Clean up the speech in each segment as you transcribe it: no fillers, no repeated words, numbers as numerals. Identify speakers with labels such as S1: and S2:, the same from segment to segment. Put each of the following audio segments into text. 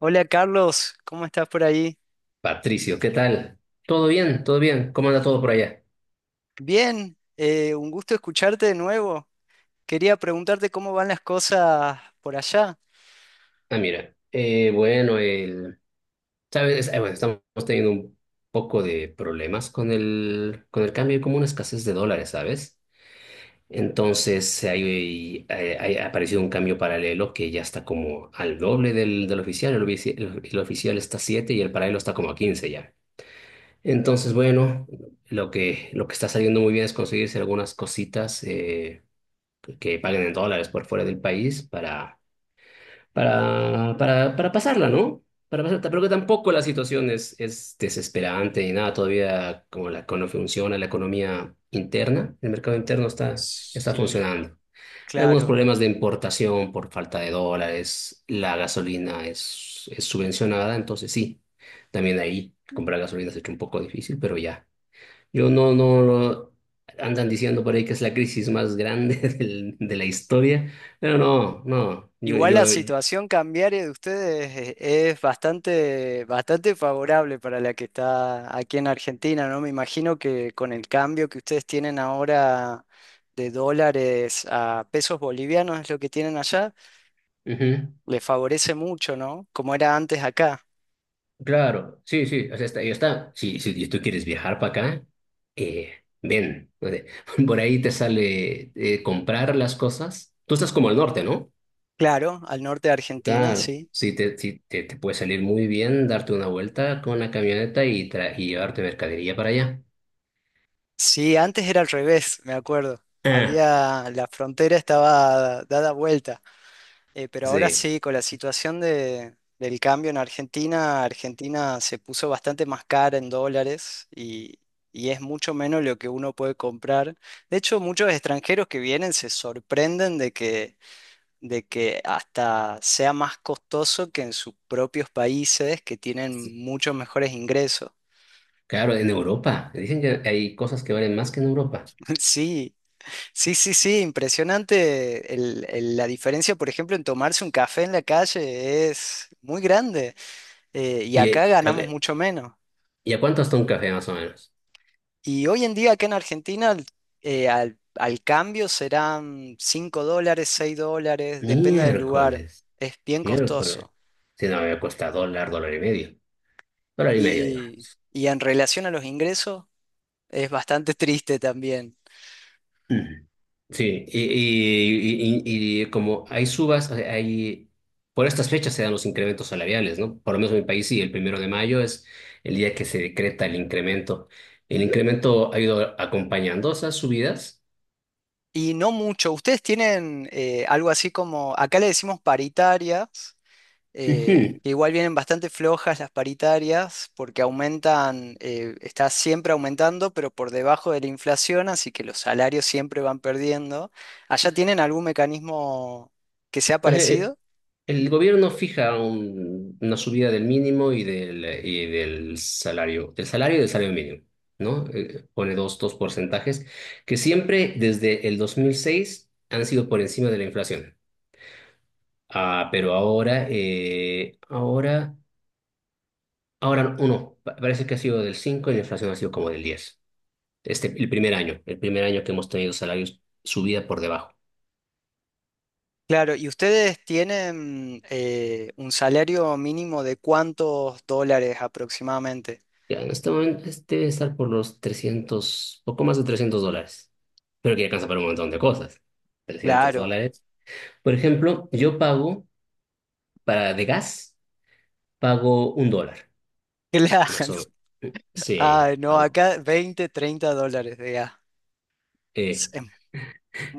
S1: Hola, Carlos, ¿cómo estás por ahí?
S2: Patricio, ¿qué tal? ¿Todo bien? ¿Todo bien? ¿Cómo anda todo por allá?
S1: Bien, un gusto escucharte de nuevo. Quería preguntarte cómo van las cosas por allá.
S2: Ah, mira, bueno, ¿sabes? Bueno, estamos teniendo un poco de problemas con el cambio, hay como una escasez de dólares, ¿sabes? Entonces, ha aparecido un cambio paralelo que ya está como al doble del oficial. El oficial está a 7 y el paralelo está como a 15 ya. Entonces, bueno, lo que está saliendo muy bien es conseguirse algunas cositas que paguen en dólares por fuera del país para pasarla, ¿no? Para pasarla, pero que tampoco la situación es desesperante ni nada, todavía como la economía funciona, la economía interna, el mercado interno está
S1: Sí,
S2: funcionando. Algunos
S1: claro.
S2: problemas de importación por falta de dólares, la gasolina es subvencionada, entonces sí, también ahí comprar gasolina se ha hecho un poco difícil, pero ya. Yo no, no, no- Andan diciendo por ahí que es la crisis más grande del- de la historia, pero no, no,
S1: Igual la situación cambiaria de ustedes, es bastante, bastante favorable para la que está aquí en Argentina, ¿no? Me imagino que con el cambio que ustedes tienen ahora de dólares a pesos bolivianos es lo que tienen allá,
S2: ujú.
S1: les favorece mucho, ¿no? Como era antes acá.
S2: Claro, sí, sí, o sea, está, y está. Si, si tú quieres viajar para acá, ven. O sea, Por ahí te sale comprar las cosas. Tú estás como al norte, ¿no?
S1: Claro, al norte de Argentina,
S2: Claro,
S1: sí.
S2: sí, te puede salir muy bien darte una vuelta con la camioneta y, y llevarte mercadería para allá.
S1: Sí, antes era al revés, me acuerdo.
S2: Ah,
S1: Había, la frontera estaba dada vuelta. Pero ahora
S2: sí,
S1: sí, con la situación del cambio en Argentina, Argentina se puso bastante más cara en dólares y es mucho menos lo que uno puede comprar. De hecho, muchos extranjeros que vienen se sorprenden de que hasta sea más costoso que en sus propios países que tienen muchos mejores ingresos.
S2: claro, en Europa. Dicen que hay cosas que valen más que en Europa.
S1: Sí. Sí, sí, sí, impresionante la diferencia, por ejemplo, en tomarse un café en la calle es muy grande, y
S2: ¿Y, eh,
S1: acá
S2: a
S1: ganamos
S2: ver,
S1: mucho menos.
S2: ¿Y a cuánto está un café más o menos?
S1: Y hoy en día acá en Argentina, al cambio serán $5, $6, depende del lugar,
S2: Miércoles,
S1: es bien
S2: miércoles.
S1: costoso.
S2: Si no, me cuesta dólar, dólar y medio. Dólar y medio,
S1: Y,
S2: digamos.
S1: y en relación a los ingresos es bastante triste también.
S2: Ujú. Sí, como hay subas, o sea, hay, por estas fechas se dan los incrementos salariales, ¿no? Por lo menos en mi país sí, el 1 de mayo es el día que se decreta el incremento. El incremento ha ido acompañando esas subidas.
S1: Y no mucho, ustedes tienen, algo así como, acá le decimos paritarias,
S2: Ujú.
S1: que igual vienen bastante flojas las paritarias porque aumentan, está siempre aumentando, pero por debajo de la inflación, así que los salarios siempre van perdiendo. ¿Allá tienen algún mecanismo que sea
S2: Ajá,
S1: parecido?
S2: el gobierno fija una subida del mínimo y del salario y del salario mínimo, ¿no? Pone dos porcentajes que siempre desde el 2006 han sido por encima de la inflación. Ah, pero ahora, ahora uno, parece que ha sido del 5 y la inflación ha sido como del diez. Este, el primer año que hemos tenido salarios subida por debajo.
S1: Claro, ¿y ustedes tienen, un salario mínimo de cuántos dólares aproximadamente?
S2: Ya, en este momento este debe estar por los trescientos, poco más de 300 dólares. Pero que ya alcanza para un montón de cosas. trescientos
S1: Claro,
S2: dólares. Por ejemplo, yo pago para de gas, pago un dólar, más
S1: claro.
S2: o menos. Sí,
S1: Ah, no,
S2: pago.
S1: acá 20 30 dólares, de gas. Es
S2: Eh,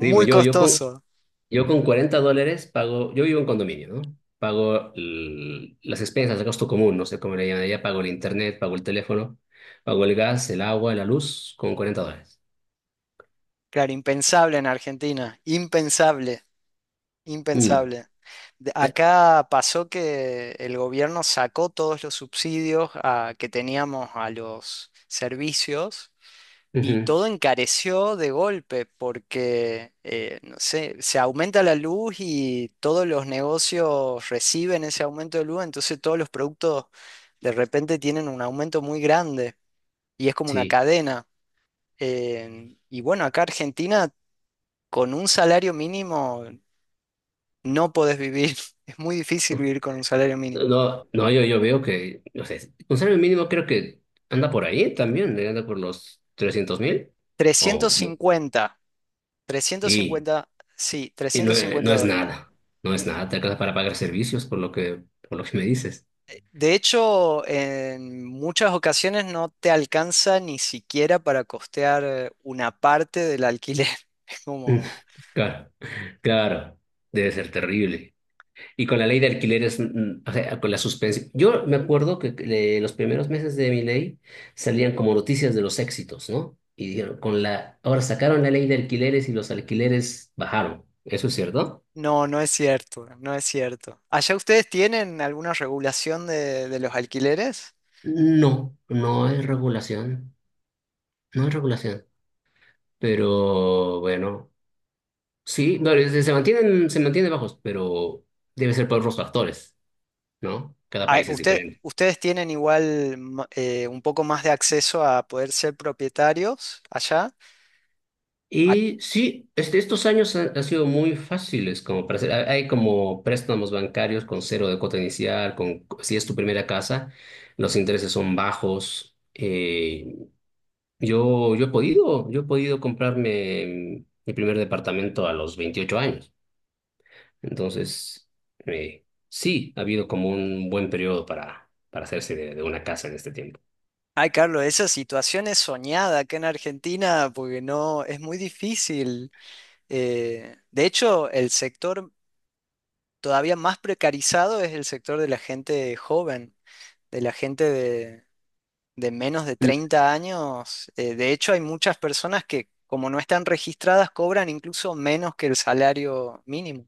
S2: digo,
S1: costoso.
S2: yo con 40 dólares pago, yo vivo en condominio, ¿no? Pago las expensas, el gasto común, no sé cómo le llaman allá, pago el internet, pago el teléfono, pago el gas, el agua, la luz, con 40 dólares.
S1: Claro, impensable en Argentina, impensable,
S2: Mm,
S1: impensable.
S2: ya.
S1: Acá pasó que el gobierno sacó todos los subsidios, que teníamos a los servicios, y
S2: Ujú.
S1: todo encareció de golpe porque, no sé, se aumenta la luz y todos los negocios reciben ese aumento de luz, entonces todos los productos de repente tienen un aumento muy grande y es como una
S2: Sí.
S1: cadena. Y bueno, acá Argentina con un salario mínimo no podés vivir. Es muy difícil vivir con un salario mínimo.
S2: No, no, yo veo que, no sé, un salario mínimo creo que anda por ahí también, anda por los 300.000.
S1: Trescientos
S2: O,
S1: cincuenta, trescientos
S2: y
S1: cincuenta, sí,
S2: y no,
S1: trescientos cincuenta
S2: no es
S1: dólares.
S2: nada, no es nada, te alcanza para pagar servicios por por lo que me dices.
S1: De hecho, en muchas ocasiones no te alcanza ni siquiera para costear, una parte del alquiler. Es como,
S2: Claro, claro, debe ser terrible. Y con la ley de alquileres, o sea, con la suspensión. Yo me acuerdo que los primeros meses de mi ley salían como noticias de los éxitos, ¿no? Y dijeron, ahora sacaron la ley de alquileres y los alquileres bajaron. ¿Eso es cierto?
S1: no, no es cierto, no es cierto. ¿Allá ustedes tienen alguna regulación de los alquileres?
S2: No, no es regulación, no es regulación. Pero bueno, sí, no, se mantienen bajos, pero debe ser por otros factores, ¿no? Cada
S1: Ah,
S2: país es
S1: usted-
S2: diferente.
S1: ustedes tienen igual, un poco más de acceso a poder ser propietarios allá. Ah,
S2: Y sí, este, estos años han, han sido muy fáciles como para hacer. Hay como préstamos bancarios con cero de cuota inicial, con, si es tu primera casa, los intereses son bajos. Yo he podido comprarme mi primer departamento a los 28 años. Entonces, sí, ha habido como un buen periodo para hacerse de una casa en este tiempo.
S1: Ay, Carlos, esa situación es soñada acá en Argentina porque no es muy difícil. De hecho, el sector todavía más precarizado es el sector de la gente joven, de la gente de menos de 30 años. De hecho, hay muchas personas que, como no están registradas, cobran incluso menos que el salario mínimo.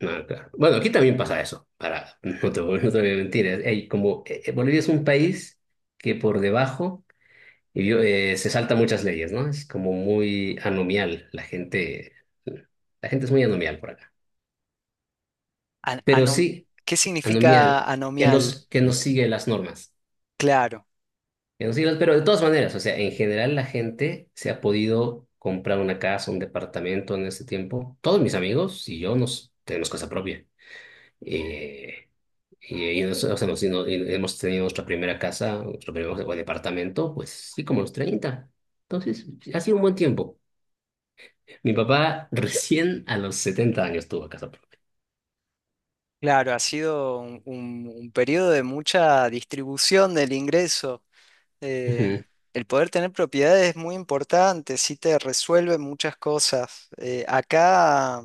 S2: Ah, claro. Bueno, aquí también pasa eso, para, no te, voy, no te voy a mentir. Hay como, Bolivia es un país que por debajo, y yo, se salta muchas leyes, ¿no? Es como muy anomial, la gente es muy anomial por acá.
S1: An-
S2: Pero
S1: anom-
S2: sí,
S1: ¿Qué significa
S2: anomial,
S1: anomial?
S2: que nos sigue las normas.
S1: Claro,
S2: Que nos sigue las- pero de todas maneras, o sea, en general la gente se ha podido comprar una casa, un departamento en ese tiempo. Todos mis amigos y yo nos tenemos casa propia. Eh, Y, o sea, nos- y no- y hemos tenido nuestra primera casa, nuestro primer departamento, pues sí, como a los treinta. Entonces, ha sido un buen tiempo. Mi papá recién a los 70 años tuvo casa propia.
S1: claro, ha sido un periodo de mucha distribución del ingreso. Eh,
S2: Ujú.
S1: el poder tener propiedades es muy importante, sí te resuelve muchas cosas. Acá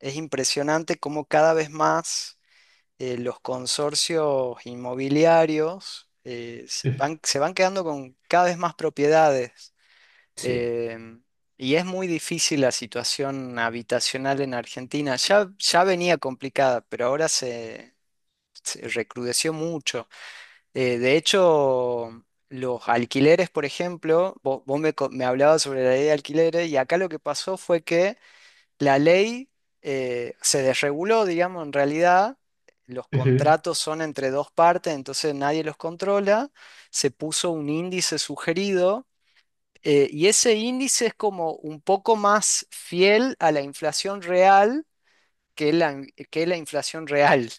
S1: es impresionante cómo cada vez más, los consorcios inmobiliarios, se van quedando con cada vez más propiedades.
S2: Sí.
S1: Em, y es muy difícil la situación habitacional en Argentina. Ya, ya venía complicada, pero ahora se recrudeció mucho. De hecho, los alquileres, por ejemplo, vos me hablabas sobre la ley de alquileres y acá lo que pasó fue que la ley, se desreguló, digamos, en realidad. Los
S2: Ujú.
S1: contratos son entre dos partes, entonces nadie los controla. Se puso un índice sugerido, y ese índice es como un poco más fiel a la inflación real que la inflación real.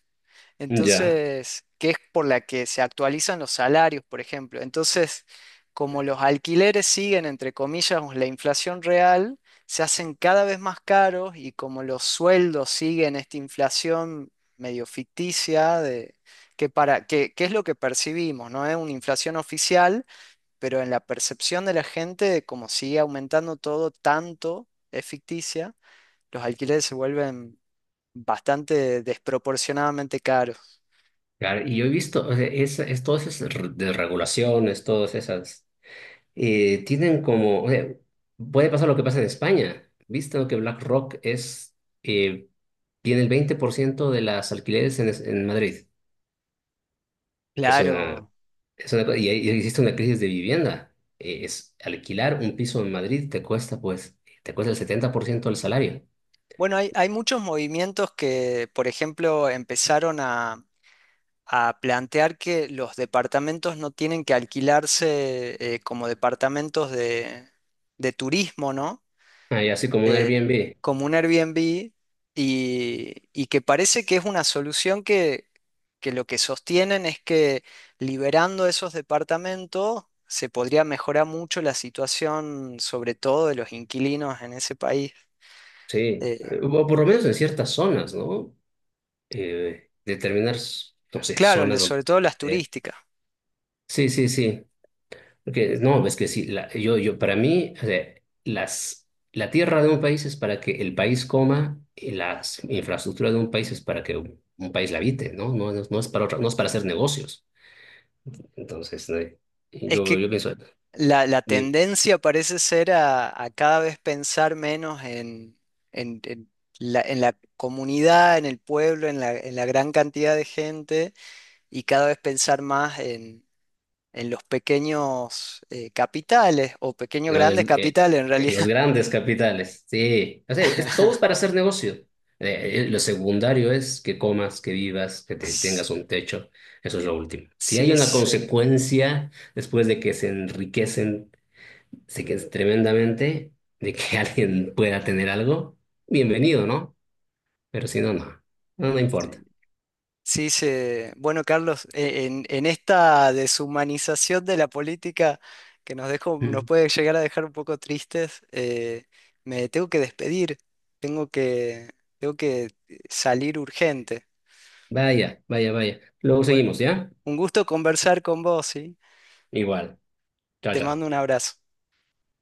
S2: Ya.
S1: Entonces, que es por la que se actualizan los salarios, por ejemplo. Entonces, como los alquileres siguen, entre comillas, la inflación real, se hacen cada vez más caros y como los sueldos siguen esta inflación medio ficticia de, que, para, que, que es lo que percibimos, no es una inflación oficial, pero en la percepción de la gente, como sigue aumentando todo tanto, es ficticia, los alquileres se vuelven bastante desproporcionadamente caros.
S2: Claro, y yo he visto, o sea, todas esas de regulaciones, todas esas, tienen como, o sea, puede pasar lo que pasa en España, visto que BlackRock es, eh, tiene el 20% de las alquileres en, en Madrid. Es una,
S1: Claro.
S2: es una cosa- y ahí existe una crisis de vivienda. Es alquilar un piso en Madrid te cuesta, pues, te cuesta el 70% del salario.
S1: Bueno, hay muchos movimientos que, por ejemplo, empezaron a plantear que los departamentos no tienen que alquilarse, como departamentos de turismo, ¿no?
S2: Ah, y así como un
S1: eh,
S2: Airbnb.
S1: como un Airbnb, y que parece que es una solución que lo que sostienen es que liberando esos departamentos se podría mejorar mucho la situación, sobre todo de los inquilinos en ese país.
S2: Sí.
S1: Eh,
S2: O por lo menos en ciertas zonas, ¿no? Determinar, no sé,
S1: claro,
S2: zonas donde...
S1: sobre todo las
S2: eh,
S1: turísticas.
S2: sí, sí, sí. Porque, no, es que sí, la- para mí, o sea, la tierra de un país es para que el país coma y las infraestructuras de un país es para que un país la habite, ¿no? No, no, no es para otra, no es para hacer negocios. Entonces, no,
S1: Es que
S2: yo pienso,
S1: la
S2: di-
S1: tendencia parece ser a cada vez pensar menos en- en en la comunidad, en el pueblo, en la gran cantidad de gente y cada vez pensar más en los pequeños, capitales o pequeños grandes
S2: el- eh,
S1: capitales en
S2: los
S1: realidad.
S2: grandes capitales, sí, o sea, es, todo es para hacer negocio. Lo secundario es que comas, que vivas,
S1: S-
S2: tengas un techo, eso es lo último. Si hay
S1: Sí,
S2: una
S1: se,
S2: consecuencia después de que se enriquecen, sí que es tremendamente, de que alguien pueda tener algo, bienvenido, ¿no? Pero si no, no, no, no
S1: sí,
S2: importa.
S1: sí se- Bueno, Carlos, en esta deshumanización de la política que nos dejó, nos
S2: Mm.
S1: puede llegar a dejar un poco tristes, me tengo que despedir, tengo que, tengo que salir urgente.
S2: Vaya, vaya, vaya. Luego
S1: Bueno,
S2: seguimos, ¿ya?
S1: un gusto conversar con vos, ¿sí?
S2: Igual. Chao,
S1: Te mando un
S2: chao.
S1: abrazo.